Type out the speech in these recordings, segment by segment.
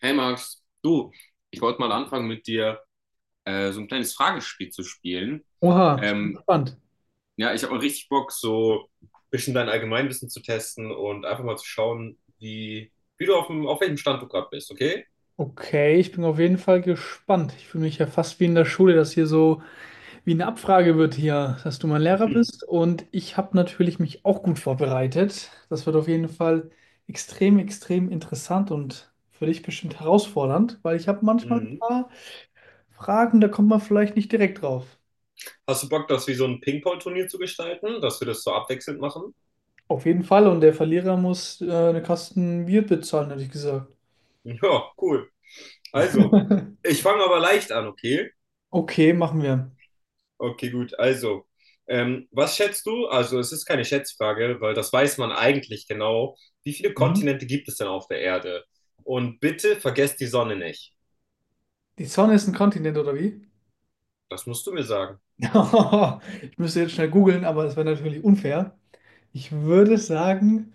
Hey Max, du, ich wollte mal anfangen mit dir so ein kleines Fragespiel zu spielen. Oha, ich bin Ähm, gespannt. ja, ich habe mal richtig Bock, so ein bisschen dein Allgemeinwissen zu testen und einfach mal zu schauen, wie du auf welchem Stand du gerade bist, okay? Okay, ich bin auf jeden Fall gespannt. Ich fühle mich ja fast wie in der Schule, dass hier so wie eine Abfrage wird hier, dass du mein Lehrer bist. Und ich habe natürlich mich auch gut vorbereitet. Das wird auf jeden Fall extrem, extrem interessant und für dich bestimmt herausfordernd, weil ich habe manchmal ein Mhm. paar Fragen, da kommt man vielleicht nicht direkt drauf. Hast du Bock, das wie so ein Ping-Pong-Turnier zu gestalten, dass wir das so abwechselnd machen? Auf jeden Fall. Und der Verlierer muss eine Kasten Bier bezahlen, hätte ich gesagt. Ja, cool. Also, ich fange aber leicht an, okay? Okay, machen wir. Okay, gut. Also, was schätzt du? Also, es ist keine Schätzfrage, weil das weiß man eigentlich genau. Wie viele Mhm. Kontinente gibt es denn auf der Erde? Und bitte vergesst die Sonne nicht. Die Sonne ist ein Kontinent, oder wie? Das musst du mir sagen. Ich müsste jetzt schnell googeln, aber das wäre natürlich unfair. Ich würde sagen,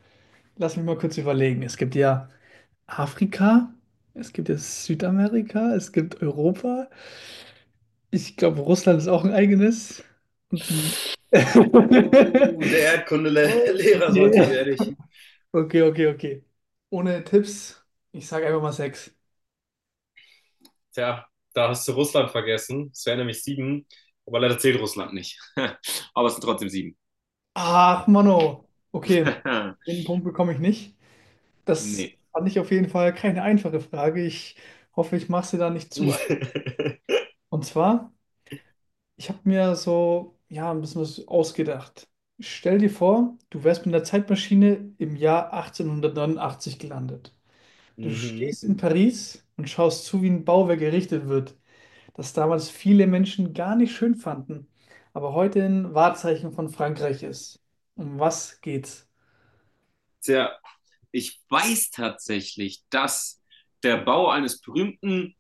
lass mich mal kurz überlegen. Es gibt ja Afrika, es gibt ja Südamerika, es gibt Europa. Ich glaube, Russland ist auch ein eigenes. Und- Der Oh, Erdkundelehrer sollte okay. dir ehrlich. Okay, okay, okay. Ohne Tipps, ich sage einfach mal sechs. Tja, da hast du Russland vergessen. Es wären nämlich sieben, aber leider zählt Russland nicht. Aber es sind trotzdem sieben. Ach, Mano. Okay, den Punkt bekomme ich nicht. Das Nee. fand ich auf jeden Fall keine einfache Frage. Ich hoffe, ich mache sie da nicht zu einfach. Und zwar, ich habe mir so, ja, ein bisschen was ausgedacht. Stell dir vor, du wärst mit einer Zeitmaschine im Jahr 1889 gelandet. Du Mhm. stehst in Paris und schaust zu, wie ein Bauwerk errichtet wird, das damals viele Menschen gar nicht schön fanden, aber heute ein Wahrzeichen von Frankreich ist. Um was geht's? Tja, ich weiß tatsächlich, dass der Bau eines berühmten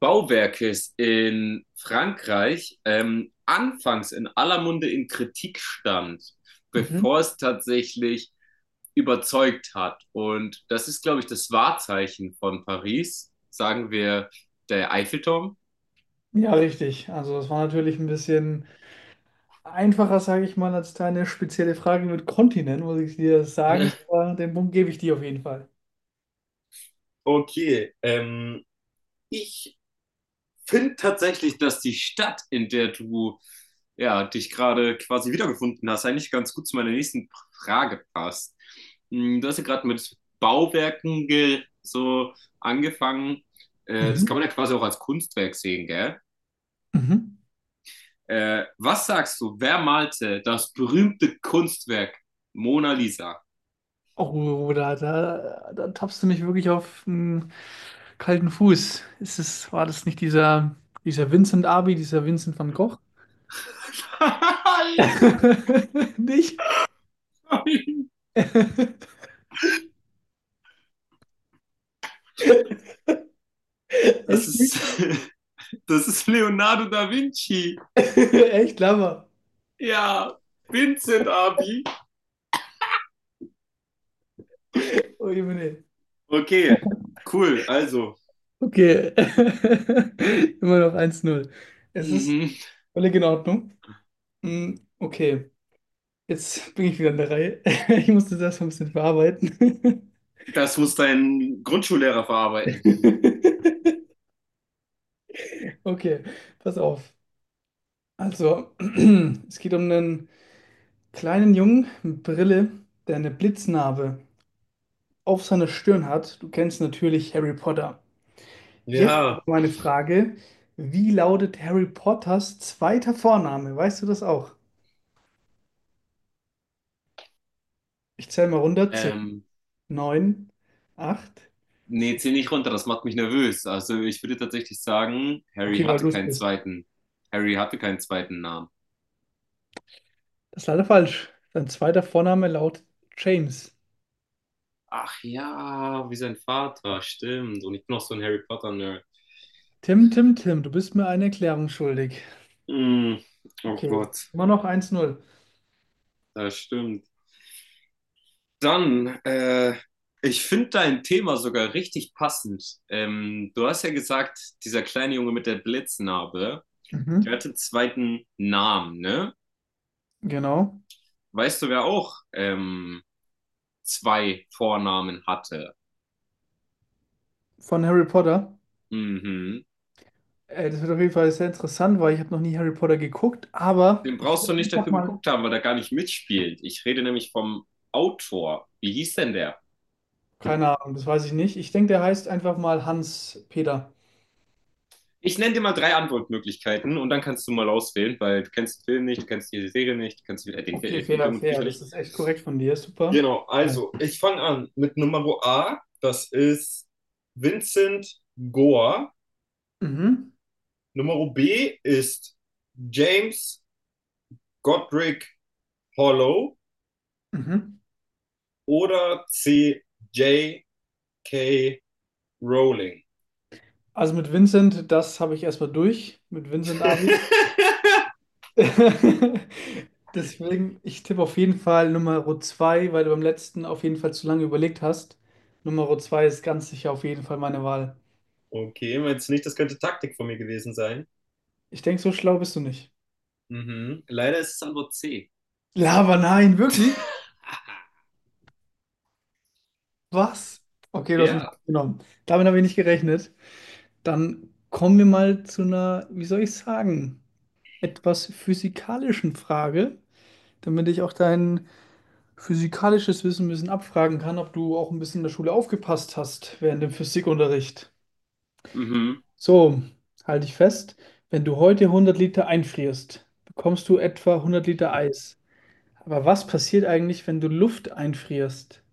Bauwerkes in Frankreich anfangs in aller Munde in Kritik stand, bevor Mhm. es tatsächlich überzeugt hat. Und das ist, glaube ich, das Wahrzeichen von Paris, sagen wir der Eiffelturm. Ja, richtig. Also, das war natürlich ein bisschen einfacher, sage ich mal, als deine spezielle Frage mit Kontinent, muss ich dir sagen. Aber den Punkt gebe ich dir auf jeden Fall. Okay, ich finde tatsächlich, dass die Stadt, in der du ja, dich gerade quasi wiedergefunden hast, eigentlich ganz gut zu meiner nächsten Frage passt. Hm, Du hast ja gerade mit Bauwerken ge so angefangen. Das Mhm. kann man ja quasi auch als Kunstwerk sehen, gell? Mhm. Was sagst du, wer malte das berühmte Kunstwerk Mona Lisa? Oh, da tappst du mich wirklich auf den kalten Fuß. Ist es, war das nicht dieser Vincent Abi, dieser Vincent van Gogh? Nein! Nicht? Das Echt ist, nicht? das ist Leonardo da Vinci. Echt Lama. Ja, Vincent Abi. Oh, Jemine. Okay, cool. Also, Okay. Immer noch eins null. Es ist mhm. völlig in Ordnung. Mm, Okay. Jetzt bin ich wieder in der Reihe. Ich musste das erstmal ein bisschen verarbeiten. das muss dein Grundschullehrer verarbeiten. Okay, pass auf. Also, es geht um einen kleinen Jungen mit Brille, der eine Blitznarbe auf seiner Stirn hat. Du kennst natürlich Harry Potter. Jetzt aber Ja, meine Frage: Wie lautet Harry Potters zweiter Vorname? Weißt du das auch? Ich zähle mal runter: 10, Ähm, 9, 8. nee, 7. zieh nicht runter, das macht mich nervös. Also, ich würde tatsächlich sagen, Harry Okay, weil hatte du es keinen bist. zweiten. Harry hatte keinen zweiten Namen. Das ist leider falsch. Sein zweiter Vorname lautet James. Ach ja, wie sein Vater, stimmt. Und ich bin noch so ein Harry Potter-Nerd. Tim, du bist mir eine Erklärung schuldig. Hm, oh Okay, Gott, immer noch eins null. das stimmt. Dann, ich finde dein Thema sogar richtig passend. Du hast ja gesagt, dieser kleine Junge mit der Blitznarbe. Der Mhm, hatte zweiten Namen, ne? genau. Weißt du, wer auch zwei Vornamen hatte? Von Harry Potter. Mhm. Das wird auf jeden Fall sehr interessant, weil ich habe noch nie Harry Potter geguckt, aber Den ich brauchst du würde nicht einfach dafür mal. geguckt haben, weil er gar nicht mitspielt. Ich rede nämlich vom Autor. Wie hieß denn der? Keine Ahnung, das weiß ich nicht. Ich denke, der heißt einfach mal Hans Peter. Ich nenne dir mal drei Antwortmöglichkeiten und dann kannst du mal auswählen, weil du kennst den Film nicht, du kennst die Serie nicht, du kennst Okay, den fair, Film und die fair. Bücher nicht. Das ist echt korrekt von dir. Super. Genau, Ja. also ich fange an mit Nummer A, das ist Vincent Gore. Mhm, Nummer B ist James Godric Hollow mhm. oder C. J. K. Rowling? Also mit Vincent, das habe ich erstmal durch. Mit Vincent Abi. Deswegen, ich tippe auf jeden Fall Nummer 2, weil du beim letzten auf jeden Fall zu lange überlegt hast. Nummer 2 ist ganz sicher auf jeden Fall meine Wahl. Okay, meinst du nicht, das könnte Taktik von mir gewesen sein? Ich denke, so schlau bist du nicht. Mhm. Leider ist es Antwort C. Lava, nein, wirklich? Was? Okay, du hast mich Ja. genommen. Damit habe ich nicht gerechnet. Dann kommen wir mal zu einer, wie soll ich sagen, etwas physikalischen Frage, damit ich auch dein physikalisches Wissen ein bisschen abfragen kann, ob du auch ein bisschen in der Schule aufgepasst hast während dem Physikunterricht. Mhm. So, halte ich fest, wenn du heute hundert Liter einfrierst, bekommst du etwa hundert Liter Eis. Aber was passiert eigentlich, wenn du Luft einfrierst?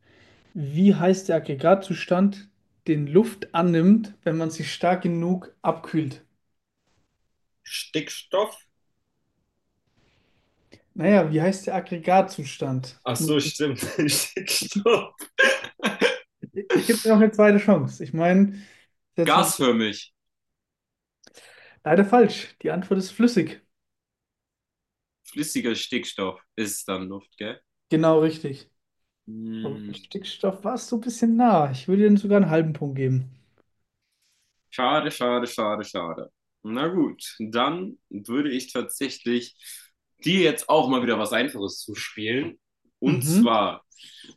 Wie heißt der Aggregatzustand, den Luft annimmt, wenn man sie stark genug abkühlt? Stickstoff? Naja, wie heißt der Aggregatzustand? Ach so, stimmt. Stickstoff. Ich gebe dir noch eine zweite Chance. Ich meine, das ist jetzt natürlich Gasförmig. leider falsch. Die Antwort ist flüssig. Flüssiger Stickstoff ist dann Luft, gell? Genau richtig. Aber mit Hm. Stickstoff warst du ein bisschen nah. Ich würde dir sogar einen halben Punkt geben. Schade, schade, schade, schade. Na gut, dann würde ich tatsächlich dir jetzt auch mal wieder was Einfaches zuspielen. Und Mhm, zwar,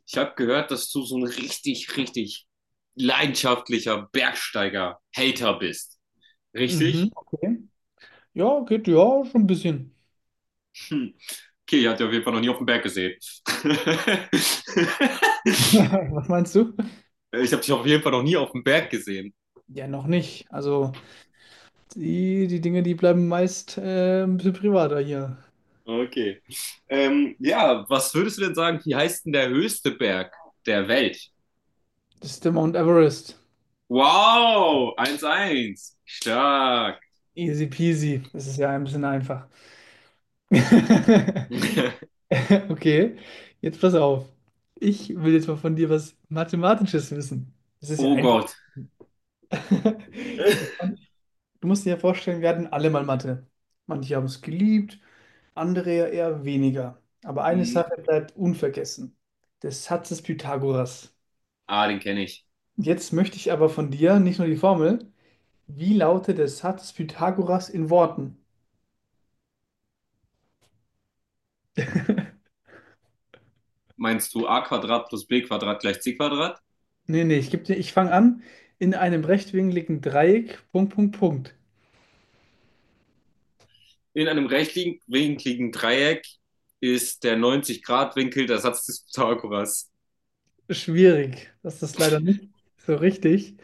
ich habe gehört, dass du so ein richtig, richtig leidenschaftlicher Bergsteiger-Hater bist. Richtig? mhm, okay. Ja, geht ja schon ein bisschen. Hm. Okay, ich habe dich auf jeden Fall noch nie auf dem Berg gesehen. Was meinst du? Ich habe dich auf jeden Fall noch nie auf dem Berg gesehen. Ja, noch nicht. Also, die Dinge, die bleiben meist ein bisschen privater hier. Okay. Ja, was würdest du denn sagen, wie heißt denn der höchste Berg der Welt? Das ist der Mount Everest. Wow, 1:1, stark. Easy peasy. Das ist ja ein bisschen einfach. Okay, jetzt pass auf. Ich will jetzt mal von dir was Mathematisches wissen. Das ist ja Oh eigentlich. Gott. Ich meine, du musst dir ja vorstellen, wir hatten alle mal Mathe. Manche haben es geliebt, andere ja eher weniger. Aber eine Sache Okay bleibt unvergessen, der Satz des Pythagoras. Ah, den kenne ich. Jetzt möchte ich aber von dir nicht nur die Formel, wie lautet der Satz des Pythagoras in Worten? Meinst du a Quadrat plus b Quadrat gleich c Quadrat? Nee, ich fange an. In einem rechtwinkligen Dreieck, Punkt, Punkt, Punkt. In einem rechtwinkligen Dreieck ist der 90 Grad winkel der Satz des Pythagoras. Schwierig. Das ist leider nicht so richtig.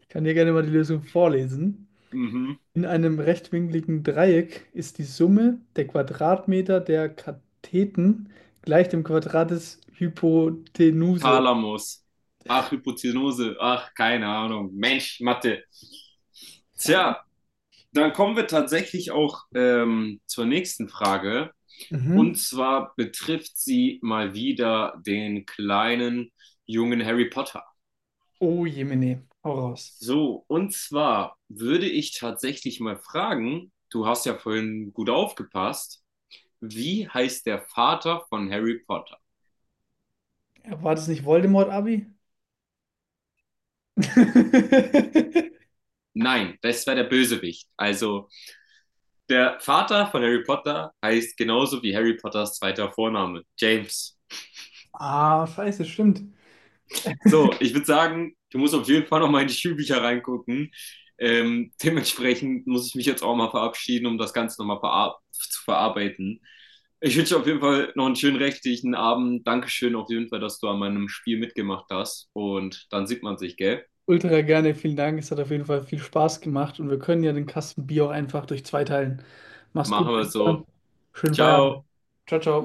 Ich kann dir gerne mal die Lösung vorlesen. Mhm. In einem rechtwinkligen Dreieck ist die Summe der Quadratmeter der Katheten gleich dem Quadrat des Hypotenuse. Thalamus. Ach, Hypotenuse. Ach, keine Ahnung. Mensch, Mathe. Ja. Tja, dann kommen wir tatsächlich auch zur nächsten Frage. Und Mhm. zwar betrifft sie mal wieder den kleinen jungen Harry Potter. Oh, Jemine, hau raus. So, und zwar würde ich tatsächlich mal fragen, du hast ja vorhin gut aufgepasst, wie heißt der Vater von Harry Potter? Ja, war das nicht Voldemort-Abi? Nein, das war der Bösewicht. Also der Vater von Harry Potter heißt genauso wie Harry Potters zweiter Vorname, James. Ah, scheiße, stimmt. So, ich würde sagen, du musst auf jeden Fall noch mal in die Schulbücher reingucken. Dementsprechend muss ich mich jetzt auch mal verabschieden, um das Ganze nochmal verar zu verarbeiten. Ich wünsche dir auf jeden Fall noch einen schönen restlichen Abend. Dankeschön auf jeden Fall, dass du an meinem Spiel mitgemacht hast. Und dann sieht man sich, gell? Ultra gerne, vielen Dank. Es hat auf jeden Fall viel Spaß gemacht und wir können ja den Kasten Bier auch einfach durch zwei teilen. Mach's gut, Machen wir so. schönen Feierabend. Ciao. Ciao, ciao.